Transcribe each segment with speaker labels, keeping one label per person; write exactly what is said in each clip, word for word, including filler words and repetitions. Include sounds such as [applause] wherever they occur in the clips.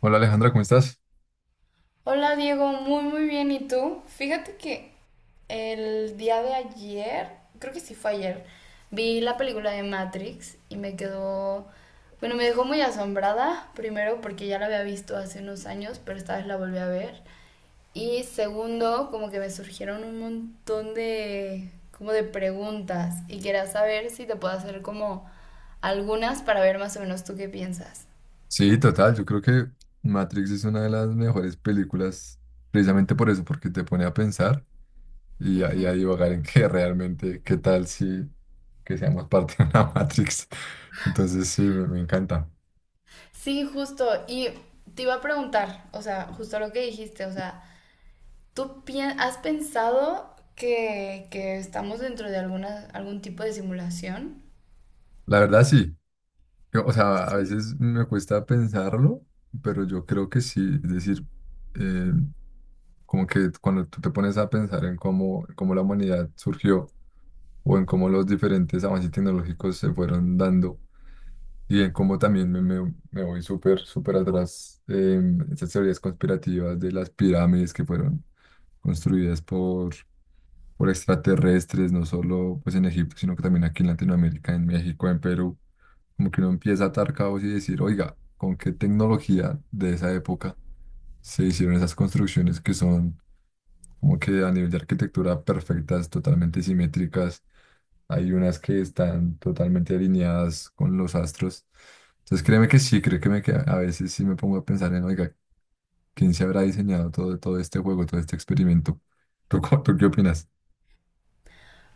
Speaker 1: Hola Alejandra, ¿cómo estás?
Speaker 2: Hola Diego, muy muy bien. ¿Y tú? Fíjate que el día de ayer, creo que sí fue ayer, vi la película de Matrix y me quedó, bueno, me dejó muy asombrada, primero porque ya la había visto hace unos años, pero esta vez la volví a ver. Y segundo, como que me surgieron un montón de, como de preguntas y quería saber si te puedo hacer como algunas para ver más o menos tú qué piensas.
Speaker 1: Sí, total, yo creo que Matrix es una de las mejores películas precisamente por eso, porque te pone a pensar y a, y a
Speaker 2: Ujú.
Speaker 1: divagar en [laughs] que realmente, qué tal si que seamos parte de una [laughs] Matrix. Entonces sí, me, me encanta.
Speaker 2: Sí, justo. Y te iba a preguntar, o sea, justo lo que dijiste, o sea, ¿tú pi- has pensado que, que estamos dentro de alguna, algún tipo de simulación?
Speaker 1: La verdad sí. Yo- o sea, a
Speaker 2: Sí.
Speaker 1: veces me cuesta pensarlo, pero yo creo que sí, es decir, eh, como que cuando tú te pones a pensar en cómo, cómo la humanidad surgió, o en cómo los diferentes avances tecnológicos se fueron dando, y en cómo también me, me- me voy súper, súper atrás en estas teorías conspirativas de las pirámides que fueron construidas por, por extraterrestres, no solo pues en Egipto, sino que también aquí en Latinoamérica, en México, en Perú. Como que uno empieza a atar cabos y decir, oiga, ¿con qué tecnología de esa época se hicieron esas construcciones que son como que a nivel de arquitectura perfectas, totalmente simétricas? Hay unas que están totalmente alineadas con los astros. Entonces créeme que sí, creo que, me, que a veces sí me pongo a pensar en, oiga, ¿quién se habrá diseñado todo, todo este juego, todo este experimento? [laughs] ¿Tú, co- tú qué opinas?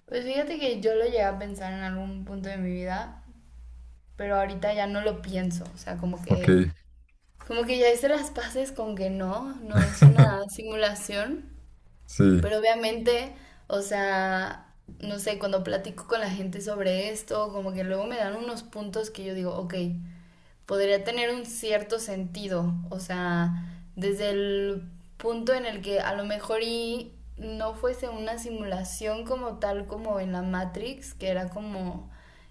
Speaker 2: Pues fíjate que yo lo llegué a pensar en algún punto de mi vida, pero ahorita ya no lo pienso, o sea, como
Speaker 1: Ok.
Speaker 2: que, como que ya hice las paces con que no, no es una
Speaker 1: [laughs]
Speaker 2: simulación,
Speaker 1: Sí,
Speaker 2: pero obviamente, o sea, no sé, cuando platico con la gente sobre esto, como que luego me dan unos puntos que yo digo, ok, podría tener un cierto sentido, o sea, desde el punto en el que a lo mejor y no fuese una simulación como tal como en la Matrix, que era como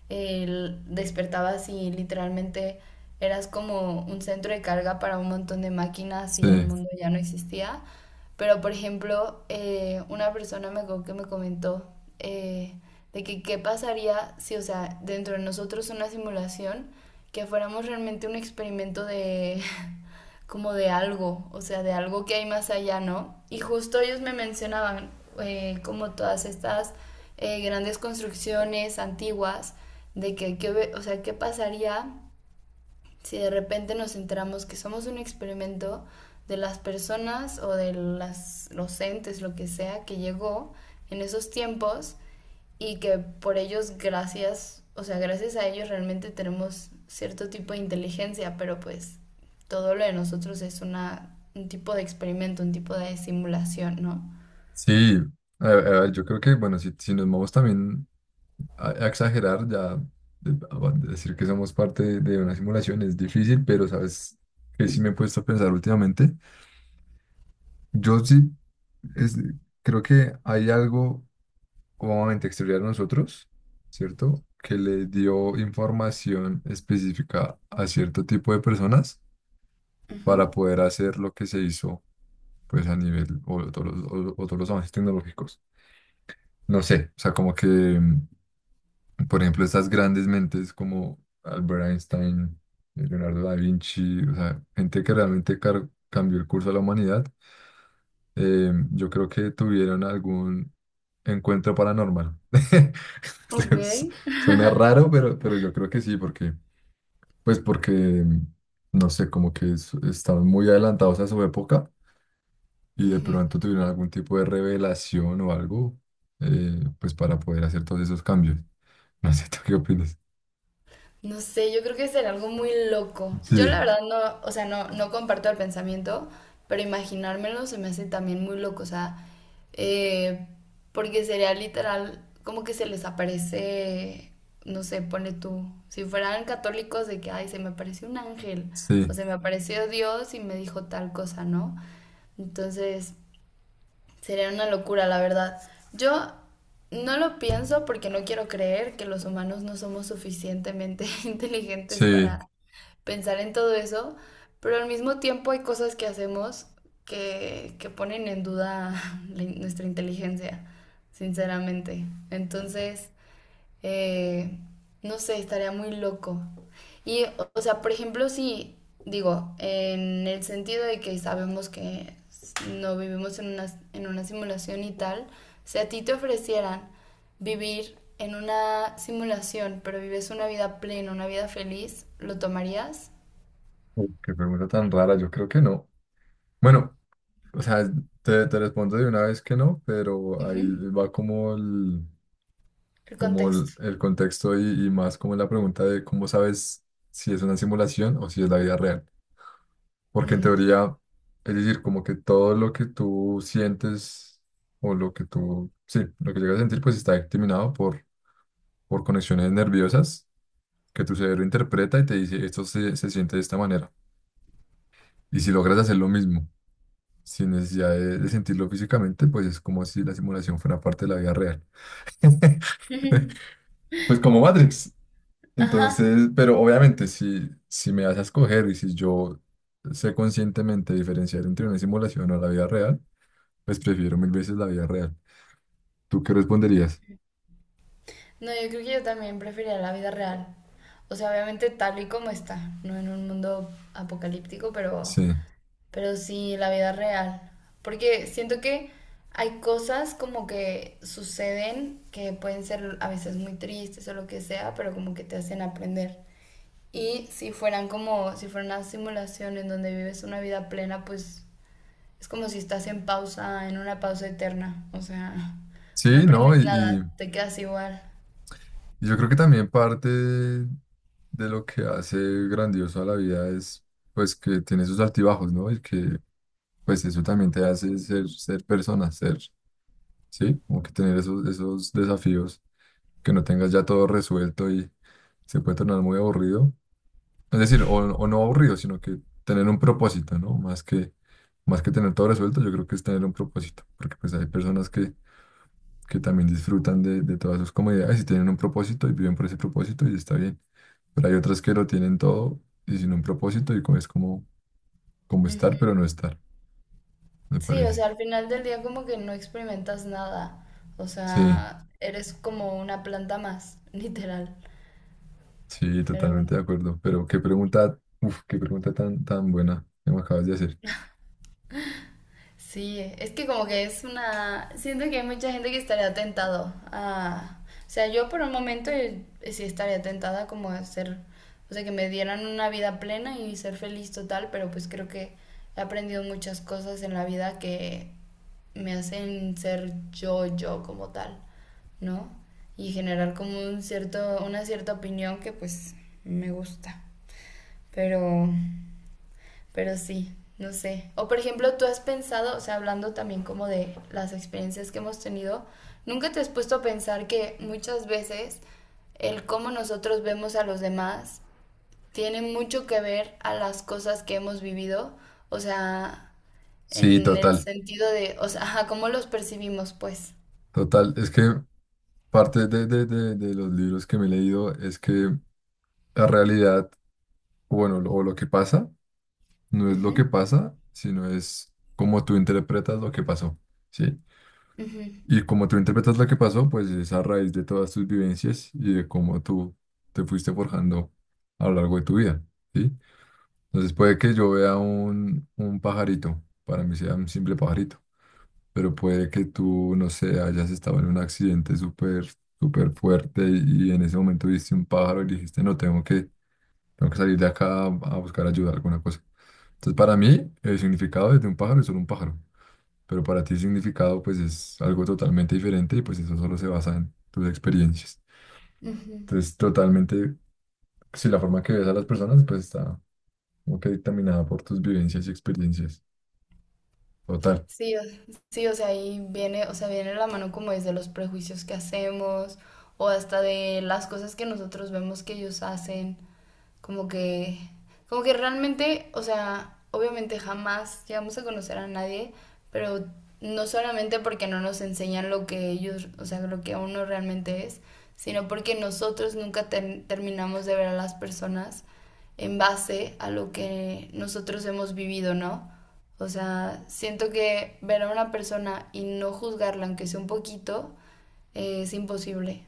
Speaker 2: el, despertabas y literalmente eras como un centro de carga para un montón de máquinas
Speaker 1: sí,
Speaker 2: y el mundo ya no existía, pero, por ejemplo, eh, una persona me, co- que me comentó eh, de que qué pasaría si, o sea, dentro de nosotros una simulación, que fuéramos realmente un experimento de, [laughs] como de algo, o sea, de algo que hay más allá, ¿no? Y justo ellos me mencionaban eh, como todas estas eh, grandes construcciones antiguas, de que, qué o sea, qué pasaría si de repente nos enteramos que somos un experimento de las personas o de las, los entes, lo que sea, que llegó en esos tiempos y que por ellos, gracias, o sea, gracias a ellos realmente tenemos cierto tipo de inteligencia, pero pues todo lo de nosotros es una, un tipo de experimento, un tipo de simulación, ¿no?
Speaker 1: sí. A- a- yo creo que, bueno, si, si nos vamos también a, a exagerar, ya de- a- a decir que somos parte de, de una simulación es difícil, pero sabes que sí me he puesto a pensar últimamente. Yo sí es- creo que hay algo cómodamente exterior a nosotros, ¿cierto? Que le dio información específica a cierto tipo de personas
Speaker 2: Uh -huh.
Speaker 1: para poder hacer lo que se hizo, pues a nivel o todos los, o- o todos los avances tecnológicos. No sé, o sea, como que, mm, por ejemplo, estas grandes mentes como Albert Einstein, eh, Leonardo da Vinci, o sea, gente que realmente car- cambió el curso de la humanidad. Eh, yo creo que tuvieron algún encuentro paranormal. [laughs]
Speaker 2: Ok.
Speaker 1: Entonces, suena raro, pero, pero yo creo que sí, porque, pues porque, no sé, como que es- estaban muy adelantados a su época
Speaker 2: Uh
Speaker 1: y de
Speaker 2: -huh.
Speaker 1: pronto tuvieron algún tipo de revelación o algo. Eh, pues para poder hacer todos esos cambios. [laughs] No sé, ¿tú qué opinas?
Speaker 2: No sé, yo creo que será algo muy loco. Yo la
Speaker 1: Sí,
Speaker 2: verdad no, o sea, no, no comparto el pensamiento, pero imaginármelo se me hace también muy loco, o sea, eh, porque sería literal como que se les aparece, no sé, pone tú, si fueran católicos de que, ay, se me apareció un ángel, o
Speaker 1: sí,
Speaker 2: se me apareció Dios y me dijo tal cosa, ¿no? Entonces, sería una locura, la verdad. Yo no lo pienso porque no quiero creer que los humanos no somos suficientemente [laughs] inteligentes
Speaker 1: sí.
Speaker 2: para pensar en todo eso, pero al mismo tiempo hay cosas que hacemos que, que ponen en duda [laughs] la in- nuestra inteligencia, sinceramente. Entonces, eh, no sé, estaría muy loco. Y, o o sea, por ejemplo, si digo, en el sentido de que sabemos que s- no vivimos en una, en una simulación y tal, si a ti te ofrecieran vivir en una simulación, pero vives una vida plena, una vida feliz, ¿lo tomarías?
Speaker 1: Uy, qué pregunta tan rara, yo creo que no. Bueno, o sea, te, te respondo de una vez que no, pero ahí
Speaker 2: Ujú.
Speaker 1: va como el,
Speaker 2: El
Speaker 1: como
Speaker 2: contexto.
Speaker 1: el, el contexto y, y más como la pregunta de cómo sabes si es una simulación o si es la vida real. Porque en
Speaker 2: Mm.
Speaker 1: teoría, es decir, como que todo lo que tú sientes o lo que tú, sí, lo que llegas a sentir, pues está determinado por, por conexiones nerviosas que tu cerebro interpreta y te dice, esto se, se siente de esta manera. Y si logras hacer lo mismo sin necesidad de, de sentirlo físicamente, pues es como si la simulación fuera parte de la vida real. [laughs]
Speaker 2: [laughs]
Speaker 1: Pues como Matrix.
Speaker 2: Ajá,
Speaker 1: Entonces, pero obviamente si, si me das a escoger y si yo sé conscientemente diferenciar entre una simulación o la vida real, pues prefiero mil veces la vida real. ¿Tú qué responderías?
Speaker 2: no, yo creo que yo también preferiría la vida real. O sea, obviamente tal y como está, no en un mundo apocalíptico, pero,
Speaker 1: Sí,
Speaker 2: pero sí la vida real. Porque siento que hay cosas como que suceden que pueden ser a veces muy tristes o lo que sea, pero como que te hacen aprender. Y si fueran como, si fuera una simulación en donde vives una vida plena, pues es como si estás en pausa, en una pausa eterna. O sea, no
Speaker 1: sí, ¿no? Y,
Speaker 2: aprendes
Speaker 1: y-
Speaker 2: nada, te quedas igual.
Speaker 1: y yo creo que también parte de lo que hace grandioso a la vida es pues que tiene sus altibajos, ¿no? Y que pues eso también te hace ser, ser persona, ser. Sí, como que tener esos, esos desafíos, que no tengas ya todo resuelto y se puede tornar muy aburrido. Es decir, o, o no aburrido, sino que tener un propósito, ¿no? Más que, más que tener todo resuelto, yo creo que es tener un propósito, porque pues hay personas que, que también disfrutan de, de todas sus comodidades y tienen un propósito y viven por ese propósito y está bien. Pero hay otras que lo tienen todo y sin un propósito y co- es como, como estar, pero no estar, me
Speaker 2: Sí, o
Speaker 1: parece.
Speaker 2: sea, al final del día como que no experimentas nada. O
Speaker 1: Sí.
Speaker 2: sea, eres como una planta más, [laughs] literal.
Speaker 1: Sí,
Speaker 2: Pero,
Speaker 1: totalmente de acuerdo. Pero qué pregunta, uf, qué pregunta tan, tan buena que me acabas de hacer.
Speaker 2: sí, es que como que es una. Siento que hay mucha gente que estaría tentado a. O sea, yo por un momento eh, sí estaría tentada como a ser. O sea, que me dieran una vida plena y ser feliz total, pero pues creo que he aprendido muchas cosas en la vida que me hacen ser yo, yo como tal, ¿no? Y generar como un cierto, una cierta opinión que pues me gusta. Pero pero sí, no sé. O por ejemplo, tú has pensado, o sea, hablando también como de las experiencias que hemos tenido, ¿nunca te has puesto a pensar que muchas veces el cómo nosotros vemos a los demás tiene mucho que ver a las cosas que hemos vivido? O sea,
Speaker 1: Sí,
Speaker 2: en el
Speaker 1: total,
Speaker 2: sentido de, o sea, [laughs] ajá, cómo los percibimos, pues.
Speaker 1: total. Es que parte de, de, de, de los libros que me he leído es que la realidad, o bueno, lo- o lo que pasa, no es lo
Speaker 2: Ujú,
Speaker 1: que pasa, sino es cómo tú interpretas lo que pasó, ¿sí?
Speaker 2: ujú,
Speaker 1: Y como tú interpretas lo que pasó, pues es a raíz de todas tus vivencias y de cómo tú te fuiste forjando a lo largo de tu vida, ¿sí? Entonces puede que yo vea un, un pajarito, para mí sea un simple pajarito, pero puede que tú, no sé, hayas estado en un accidente súper, súper fuerte y, y en ese momento viste un pájaro y dijiste, no, tengo que, tengo que salir de acá a, a buscar ayuda, alguna cosa. Entonces para mí el significado de un pájaro es solo un pájaro, pero para ti el significado pues es algo totalmente diferente y pues eso solo se basa en tus experiencias.
Speaker 2: ujú.
Speaker 1: Entonces totalmente, si la forma que ves a las personas pues está como que dictaminada por tus vivencias y experiencias. Total.
Speaker 2: Sí, o- sí, o sea, ahí viene, o sea, viene la mano como desde los prejuicios que hacemos o hasta de las cosas que nosotros vemos que ellos hacen. Como que, como que realmente, o sea, obviamente jamás llegamos a conocer a nadie, pero no solamente porque no nos enseñan lo que ellos, o sea, lo que uno realmente es, sino porque nosotros nunca ter- terminamos de ver a las personas en base a lo que nosotros hemos vivido, ¿no? O sea, siento que ver a una persona y no juzgarla, aunque sea un poquito, eh, es imposible.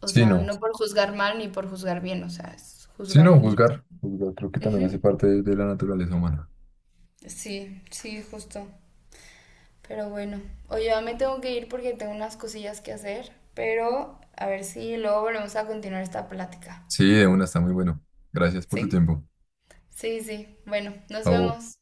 Speaker 2: O
Speaker 1: Sí,
Speaker 2: sea,
Speaker 1: no.
Speaker 2: no por juzgar mal ni por juzgar bien, o sea, es
Speaker 1: Sí,
Speaker 2: juzgar
Speaker 1: no,
Speaker 2: y listo.
Speaker 1: juzgar. Juzgar creo que también hace
Speaker 2: Ujú.
Speaker 1: parte de, de la naturaleza humana.
Speaker 2: Sí, sí, justo. Pero bueno, oye, ya me tengo que ir porque tengo unas cosillas que hacer, pero a ver si luego volvemos a continuar esta plática.
Speaker 1: Sí, de una, está muy bueno. Gracias por tu
Speaker 2: ¿Sí?
Speaker 1: tiempo.
Speaker 2: Sí, sí. Bueno, nos
Speaker 1: Chao.
Speaker 2: vemos.